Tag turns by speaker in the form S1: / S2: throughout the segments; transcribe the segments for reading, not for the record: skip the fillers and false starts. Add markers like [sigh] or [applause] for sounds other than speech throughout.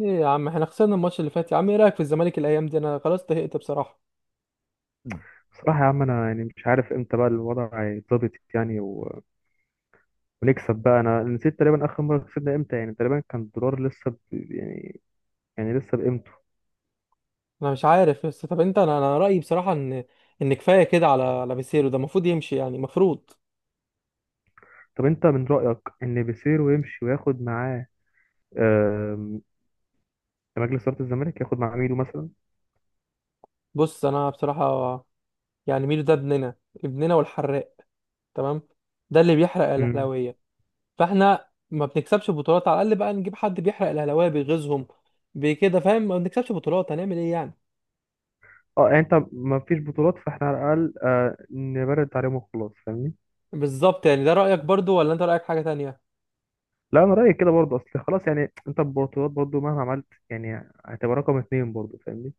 S1: ايه يا عم، احنا خسرنا الماتش اللي فات يا عم. ايه رايك في الزمالك الايام دي؟ انا خلاص طهقت بصراحه.
S2: بصراحة يا عم أنا يعني مش عارف إمتى بقى الوضع هيتظبط يعني ونكسب بقى. أنا نسيت تقريبا آخر مرة كسبنا إمتى يعني تقريبا كان الدولار لسه يعني لسه بقيمته.
S1: انا مش عارف بس، طب انت، انا رايي بصراحه ان كفايه كده على بيسيرو، ده المفروض يمشي يعني المفروض.
S2: طب أنت من رأيك إن بيسيرو يمشي وياخد معاه آم، مجلس إدارة الزمالك ياخد معاه ميدو مثلا؟
S1: بص انا بصراحه، يعني ميدو ده ابننا ابننا والحراق، تمام، ده اللي بيحرق
S2: امم
S1: الاهلاويه. فاحنا ما بنكسبش بطولات، على الاقل بقى نجيب حد بيحرق الاهلاويه، بيغيظهم بكده، فاهم؟ ما بنكسبش بطولات هنعمل ايه يعني؟
S2: أه يعني أنت ما فيش بطولات فإحنا على الأقل نبرد عليهم وخلاص فاهمني؟
S1: بالظبط، يعني ده رايك برضو ولا انت رايك حاجه تانية؟
S2: لا أنا رأيي كده برضه أصل خلاص يعني أنت البطولات برضه مهما عملت يعني هتبقى رقم اتنين برضه فاهمني؟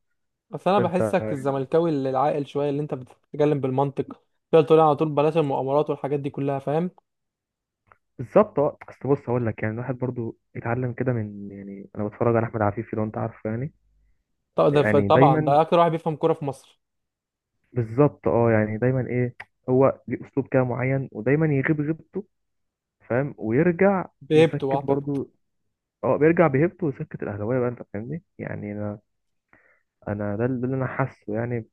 S1: بس انا
S2: فأنت
S1: بحسك الزملكاوي اللي العاقل شويه، اللي انت بتتكلم بالمنطق، تقدر تقول على طول بلاش المؤامرات والحاجات دي كلها، فاهم؟
S2: بالظبط. اه اصل بص هقول لك يعني الواحد برضو اتعلم كده من يعني انا بتفرج على احمد عفيفي لو انت عارفه يعني.
S1: طب ده
S2: يعني
S1: طبعا
S2: دايما
S1: ده اكتر واحد بيفهم كوره في مصر.
S2: بالظبط. اه يعني دايما ايه؟ هو ليه اسلوب كده معين ودايما يغيب غيبته فاهم ويرجع
S1: بهيبته
S2: يسكت
S1: اعتقد.
S2: برضو. اه بيرجع بهيبته ويسكت الاهلاويه بقى انت فاهمني يعني انا ده اللي انا حاسه يعني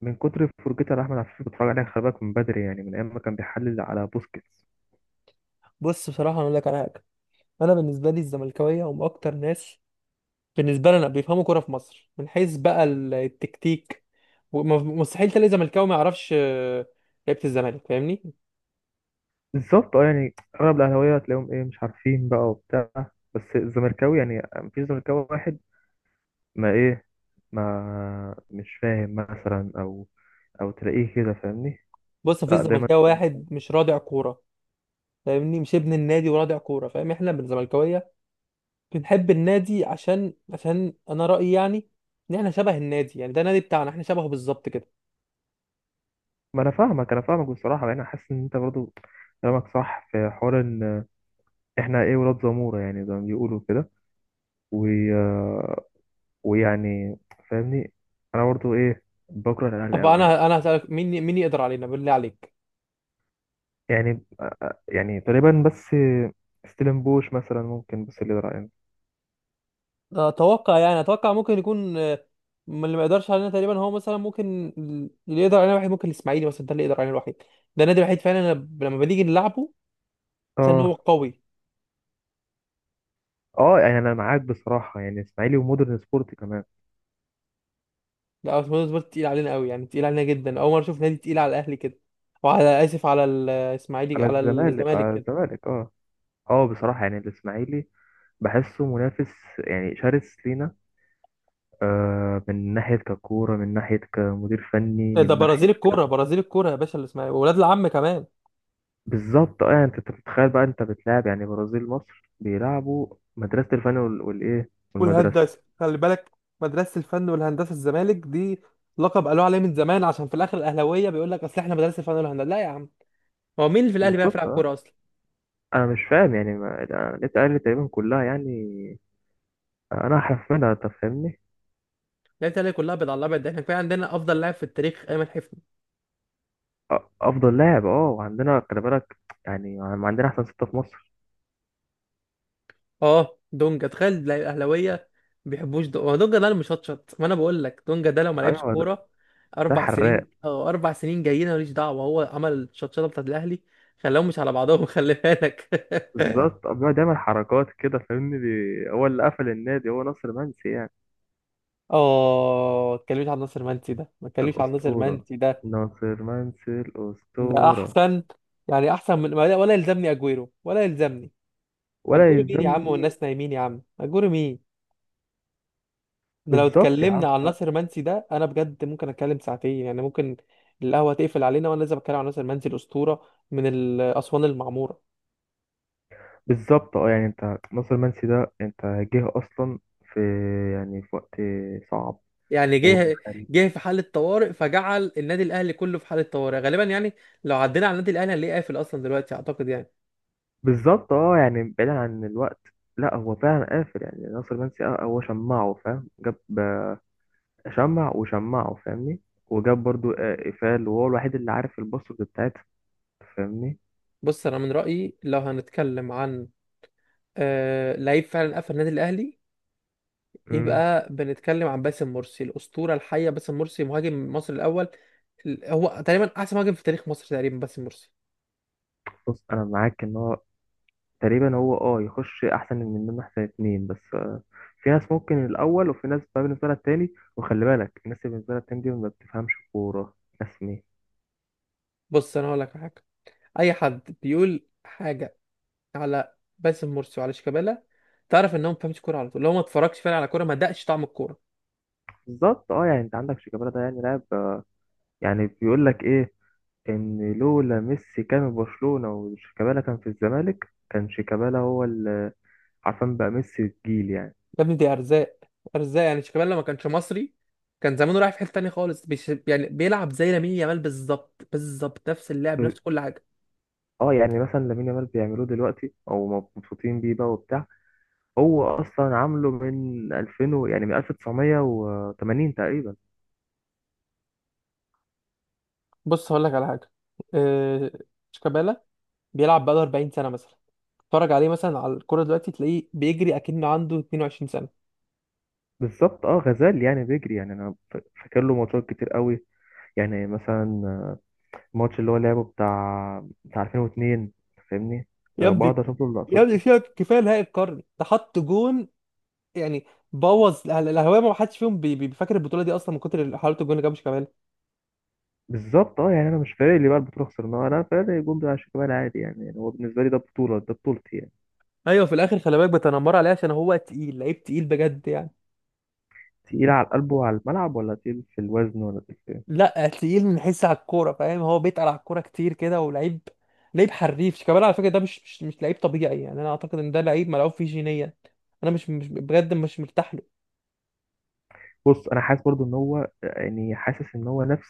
S2: من كتر فرجتي على احمد عفيفي بتفرج عليه خلي بالك من بدري يعني من ايام ما كان بيحلل على بوسكيتس.
S1: بص بصراحه، انا اقول لك على حاجه. انا بالنسبه لي الزملكاويه هم اكتر ناس بالنسبه لنا بيفهموا كوره في مصر، من حيث بقى التكتيك، وم- مستحيل تلاقي زملكاوي ما يعرفش لعيبه الزمالك، فاهمني؟
S2: بالظبط. اه يعني اغلب الاهلاويه هتلاقيهم ايه مش عارفين بقى وبتاع. بس الزمركاوي يعني مفيش زمركاوي واحد ما ايه ما مش فاهم مثلا او تلاقيه كده فاهمني.
S1: بص مفيش
S2: لا دايما
S1: زملكاوي
S2: كان-
S1: واحد مش رادع كوره، فاهمني؟ مش ابن النادي ورادع كوره، فاهم؟ احنا بالزملكاويه بنحب النادي عشان انا رأيي يعني ان احنا شبه النادي، يعني ده النادي بتاعنا، احنا شبهه بالظبط كده.
S2: ما انا فاهمك انا فاهمك بصراحه يعني انا حاسس ان انت برضو كلامك صح في حوار ان احنا ايه ولاد زموره يعني زي ما بيقولوا كده و... ويعني فاهمني. انا برضو ايه بكره الاهلي
S1: طب
S2: قوي يعني.
S1: انا هسألك مين، مين يقدر علينا بالله عليك؟
S2: يعني يعني تقريبا بس ستيلن بوش مثلا ممكن بس اللي رايي.
S1: اتوقع يعني اتوقع ممكن يكون من اللي ما يقدرش علينا تقريبا، هو مثلا ممكن اللي يقدر علينا الوحيد ممكن الاسماعيلي مثلا، ده اللي يقدر علينا الوحيد. ده النادي الوحيد فعلا، أنا لما بنيجي نلعبه عشان هو
S2: اه
S1: قوي.
S2: اه يعني انا معاك بصراحه يعني اسماعيلي ومودرن سبورت كمان.
S1: لا، اسماعيلي سبورت تقيل علينا قوي، يعني تقيل علينا جدا، اول مرة اشوف نادي تقيل على الاهلي كده، وعلى اسف على الاسماعيلي
S2: على
S1: على
S2: الزمالك
S1: الزمالك
S2: على
S1: كده.
S2: الزمالك اه. اه بصراحه يعني الاسماعيلي بحسه منافس يعني شرس لينا آه من ناحيه ككوره من ناحيه كمدير فني
S1: ده
S2: من ناحيه
S1: برازيل الكوره،
S2: ك-.
S1: برازيل الكوره يا باشا اللي اسمها إيه؟ واولاد العم كمان.
S2: بالظبط يعني انت بتتخيل بقى انت بتلعب يعني برازيل مصر بيلعبوا مدرسه الفن والايه والمدرسه.
S1: والهندسه خلي بالك، مدرسه الفن والهندسه الزمالك دي، لقب قالوه عليه من زمان، عشان في الاخر الاهلاويه بيقول لك اصل احنا مدرسه الفن والهندسه، لا يا عم، هو مين اللي في الاهلي بيعرف يلعب
S2: بالظبط. اه
S1: كوره اصلا؟
S2: انا مش فاهم يعني ما... النت قال تقريبا كلها يعني انا هحفلها انت فاهمني.
S1: لعيبه الاهلي كلها بيض على الابيض، ده احنا كفايه عندنا افضل لاعب في التاريخ، ايمن حفني.
S2: أ- افضل لاعب اه وعندنا خلي بالك يعني ما عندنا احسن ستة في مصر.
S1: اه دونجا، تخيل تلاقي الاهلاويه ما بيحبوش دونجا، هو دونجا ده اللي مشطشط، ما انا بقول لك دونجا ده لو ما لعبش
S2: ايوه ده,
S1: كوره
S2: ده
S1: اربع سنين،
S2: حراق.
S1: اه اربع سنين جايين، أنا ماليش دعوه، هو عمل الشطشطه بتاعت الاهلي، خلاهم مش على بعضهم [laughs] خلي بالك.
S2: بالظبط بيقعد يعمل حركات كده فاهمني هو اللي قفل النادي هو ناصر منسي يعني
S1: اه، ما تكلمش عن ناصر منسي ده، ما تكلمش عن ناصر
S2: الاسطوره.
S1: منسي ده،
S2: ناصر منسي
S1: ده
S2: الاسطوره.
S1: احسن، يعني احسن من ولا يلزمني اجويرو ولا يلزمني.
S2: ولا
S1: اجويرو مين يا عم،
S2: يلزمني.
S1: والناس نايمين يا عم، اجويرو مين؟ احنا لو
S2: بالظبط يا عم
S1: اتكلمنا عن
S2: لا.
S1: ناصر منسي ده انا بجد ممكن اتكلم ساعتين يعني، ممكن القهوه تقفل علينا وانا لازم اتكلم عن ناصر منسي الاسطوره من الاسوان المعموره.
S2: بالظبط يعني انت ناصر منسي ده انت جه اصلا في يعني في وقت صعب
S1: يعني
S2: وخلينا.
S1: جه في حاله طوارئ، فجعل النادي الاهلي كله في حاله طوارئ غالبا يعني، لو عدينا على النادي الاهلي هنلاقيه قافل اصلا دلوقتي اعتقد يعني.
S2: بالظبط يعني بعيدا عن الوقت. لا هو فعلا قافل يعني ناصر منسي اه هو شمعه فاهم جاب شمع وشمعه فاهمني وجاب برضو قفال وهو الوحيد اللي عارف الباسورد بتاعتها فاهمني.
S1: بص انا من رايي، لو هنتكلم عن لعيب فعلا قفل النادي الاهلي،
S2: امم
S1: يبقى بنتكلم عن باسم مرسي، الاسطوره الحيه، باسم مرسي مهاجم مصر الاول. هو تقريبا احسن مهاجم في تاريخ مصر تقريبا، باسم مرسي.
S2: بص انا معاك ان هو تقريبا هو يخش احسن من منه احسن اتنين بس في ناس ممكن الاول وفي ناس بقى بالنسبه لها التاني وخلي بالك الناس اللي بالنسبه لها التاني دي ما بتفهمش كوره. ناس مين؟
S1: بص انا هقول لك على حاجه، اي حد بيقول حاجه على باسم مرسي وعلى شيكابالا، تعرف ان هو ما بيفهمش كوره على طول، لو ما اتفرجش فعلا على كوره ما دقش طعم الكوره.
S2: بالظبط يعني انت عندك شيكابالا ده يعني لاعب يعني بيقول لك ايه ان لولا ميسي كان في برشلونة وشيكابالا كان في الزمالك كان شيكابالا هو اللي عارفين بقى ميسي الجيل يعني.
S1: يا ابني دي ارزاق، ارزاق يعني، شيكابالا لو ما كانش مصري كان زمانه رايح في حته تانيه خالص، يعني بيلعب زي لامين يامال بالظبط، بالظبط نفس اللعب
S2: ب-
S1: نفس كل حاجه.
S2: اه يعني مثلا لامين يامال بيعملوه دلوقتي او مبسوطين بيه بقى وبتاع. هو اصلا عامله من 2000 يعني من 1980 تقريبا.
S1: بص هقول لك على حاجه، آه، شيكابالا بيلعب بقاله 40 سنه مثلا، اتفرج عليه مثلا على الكوره دلوقتي تلاقيه بيجري اكنه عنده 22 سنه.
S2: بالظبط اه غزال يعني بيجري يعني انا فاكر له ماتشات كتير قوي يعني مثلا الماتش اللي هو لعبه بتاع 2002 فاهمني
S1: يا
S2: بقعد
S1: ابني،
S2: اشوف له
S1: يا
S2: اللقطات
S1: ابني
S2: دي.
S1: فيها كفايه نهائي القرن ده، حط جون يعني، بوظ الاهواء، ما حدش فيهم بيفكر البطوله دي اصلا من كتر حلاوه الجون اللي جابش كمان.
S2: بالظبط يعني انا مش فارق لي بقى البطوله خسرناها انا فارق الجون بتاع شيكابالا عادي يعني يعني هو بالنسبه لي ده بطوله ده بطولتي يعني.
S1: ايوه في الاخر خلي بالك بتنمر عليه عشان هو تقيل، لعيب تقيل بجد يعني.
S2: تقيل على القلب وعلى الملعب ولا تقيل في الوزن ولا تقيل في إيه؟
S1: لا تقيل من حيث على الكوره فاهم، هو بيتقل على الكوره كتير كده، ولعيب، لعيب حريف شيكابالا على فكره، ده مش لعيب طبيعي، يعني انا اعتقد ان ده لعيب ملعوب فيه جينيا. انا مش بجد مش مرتاح له.
S2: بص انا حاسس برضو ان هو يعني حاسس ان هو نفس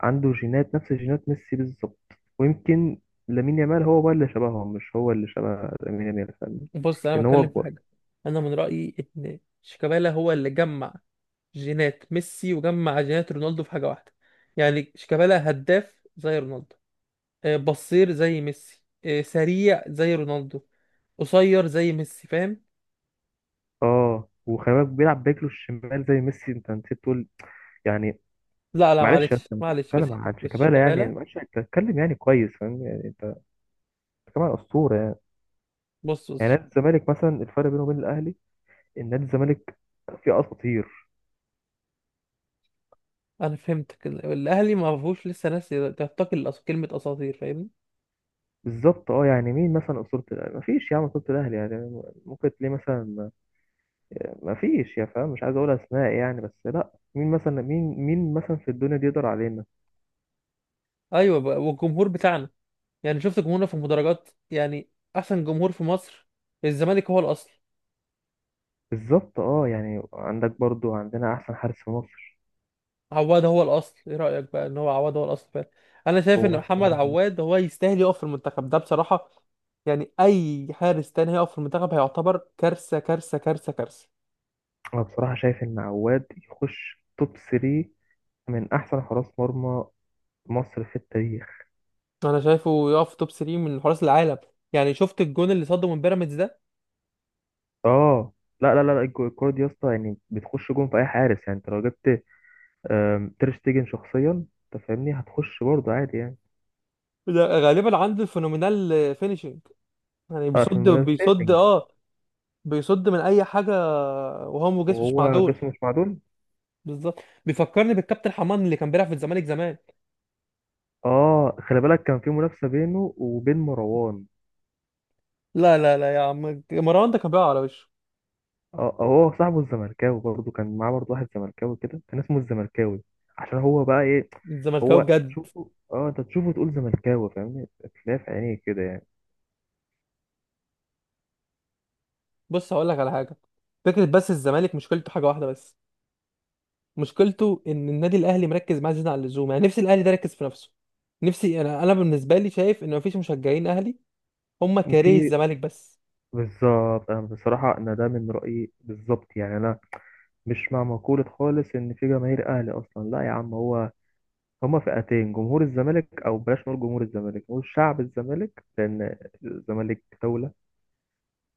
S2: عنده جينات نفس جينات ميسي بالظبط ويمكن لامين يامال هو بقى اللي شبههم مش هو اللي شبه لامين يامال فاهمني
S1: بص انا
S2: لان هو
S1: بتكلم في
S2: اكبر.
S1: حاجه، انا من رايي ان شيكابالا هو اللي جمع جينات ميسي وجمع جينات رونالدو في حاجه واحده، يعني شيكابالا هداف زي رونالدو، بصير زي ميسي، سريع زي رونالدو، قصير زي ميسي، فاهم؟
S2: اه وخلي بالك بيلعب باكله الشمال زي ميسي انت نسيت تقول يعني.
S1: لا لا
S2: معلش
S1: معلش
S2: انت
S1: معلش
S2: بتتكلم
S1: بس.
S2: عن
S1: بس
S2: شيكابالا يعني
S1: كمالة.
S2: معلش انت بتتكلم يعني كويس فاهم يعني انت كمان اسطوره يعني.
S1: بص
S2: يعني
S1: بص،
S2: نادي الزمالك مثلا الفرق بينه وبين الاهلي ان نادي الزمالك فيه اساطير.
S1: انا فهمتك، الاهلي ما فيهوش لسه ناس تعتقل كلمه اساطير، فاهمني؟
S2: بالظبط يعني مين مثلا اسطوره الاهلي؟ مفيش يا عم اسطوره الاهلي يعني ممكن تلاقي مثلا مفيش يا فاهم مش عايز اقول اسماء يعني بس لا مين مثلا مين مين مثلا في الدنيا دي يقدر علينا.
S1: ايوه بقى، والجمهور بتاعنا، يعني شفت جمهورنا في المدرجات يعني، احسن جمهور في مصر. الزمالك هو الاصل.
S2: بالظبط يعني عندك برضو عندنا احسن حارس في مصر.
S1: عواد هو الاصل، ايه رايك بقى ان هو عواد هو الاصل فعلا؟ انا شايف ان
S2: هو أحسن
S1: محمد
S2: محمود.
S1: عواد هو يستاهل يقف في المنتخب ده بصراحه، يعني اي حارس تاني هيقف في المنتخب هيعتبر كارثه، كارثه كارثه كارثه
S2: انا بصراحه شايف ان عواد يخش توب 3 من احسن حراس مرمى مصر في التاريخ.
S1: انا شايفه يقف توب 3 من حراس العالم، يعني شفت الجون اللي صده من بيراميدز ده؟
S2: اه لا لا لا لا، الكرة دي يا اسطى يعني بتخش جون في اي حارس يعني انت لو جبت تير شتيجن شخصيا انت فاهمني هتخش برضه عادي يعني.
S1: ده غالبا عنده الفينومينال فينيشنج، يعني
S2: اه في
S1: بيصد بيصد
S2: مدافعينج
S1: اه، بيصد من اي حاجه، وهو جسمه مش
S2: وهو جسمه
S1: معدول
S2: مش معدول.
S1: بالظبط. بيفكرني بالكابتن حمان اللي كان بيلعب في الزمالك زمان.
S2: اه خلي بالك كان في منافسة بينه وبين مروان.
S1: لا لا لا يا عم، مروان ده كان بيلعب على وشه.
S2: اه هو صاحبه الزمركاوي برضه كان معاه برضه واحد زمركاوي كده كان اسمه الزمركاوي عشان هو بقى ايه.
S1: الزملكاوي
S2: هو
S1: بجد.
S2: تشوفه اه انت تشوفه تقول زملكاوي فاهمني تلاقيه في عينيك كده يعني.
S1: بص هقول لك على حاجه، فكره، بس الزمالك مشكلته حاجه واحده بس، مشكلته ان النادي الاهلي مركز معاه زياده عن اللزوم، يعني نفسي الاهلي ده يركز في نفسه. نفسي انا، بالنسبه لي شايف ان مفيش مشجعين اهلي، هم كارهي
S2: في
S1: الزمالك بس.
S2: بالظبط انا بصراحه انا ده من رايي بالظبط يعني انا مش مع مقولة خالص إن في جماهير أهلي أصلا لا يا عم هو هما فئتين جمهور الزمالك أو بلاش نقول جمهور الزمالك نقول شعب الزمالك لأن الزمالك دولة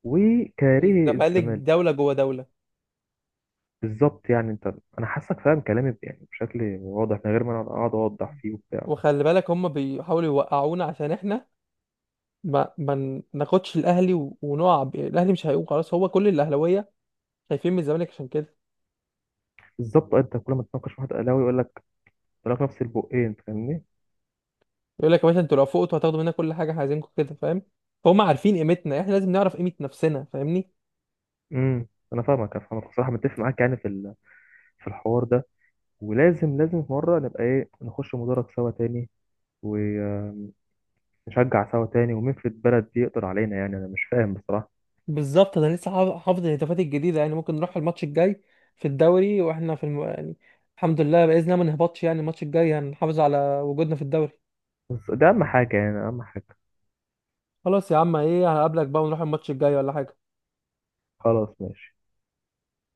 S2: وكاره
S1: الزمالك
S2: الزمالك.
S1: دوله جوه دوله.
S2: بالظبط يعني أنت أنا حاسك فاهم كلامي يعني بشكل واضح من غير ما أنا أقعد أوضح فيه وبتاع.
S1: وخلي بالك هم بيحاولوا يوقعونا عشان احنا ما ناخدش الاهلي ونقع الاهلي مش هيقوم خلاص، هو كل الاهلاويه خايفين من الزمالك عشان كده.
S2: بالظبط أنت كل ما تناقش واحد أهلاوي يقول لك لك نفس البقين فاهمني؟
S1: يقول لك يا باشا، انتوا لو فوقتوا هتاخدوا منا كل حاجه، احنا عايزينكم كده فاهم، فهم عارفين قيمتنا، احنا لازم نعرف قيمه نفسنا، فاهمني؟
S2: امم أنا فاهمك أنا فاهمك بصراحة متفق معاك يعني في الحوار ده. ولازم في مرة نبقى إيه نخش مدرج سوا تاني نشجع سوا تاني ومين في البلد دي يقدر علينا يعني انا مش فاهم بصراحة.
S1: بالظبط، انا لسه حافظ الهتافات الجديده، يعني ممكن نروح الماتش الجاي في الدوري واحنا في يعني الحمد لله باذن الله ما نهبطش، يعني الماتش الجاي هنحافظ على وجودنا في الدوري.
S2: بس ده اهم حاجة يعني اهم حاجة.
S1: خلاص يا عم، ايه، هقابلك بقى ونروح الماتش الجاي ولا حاجه؟
S2: خلاص ماشي.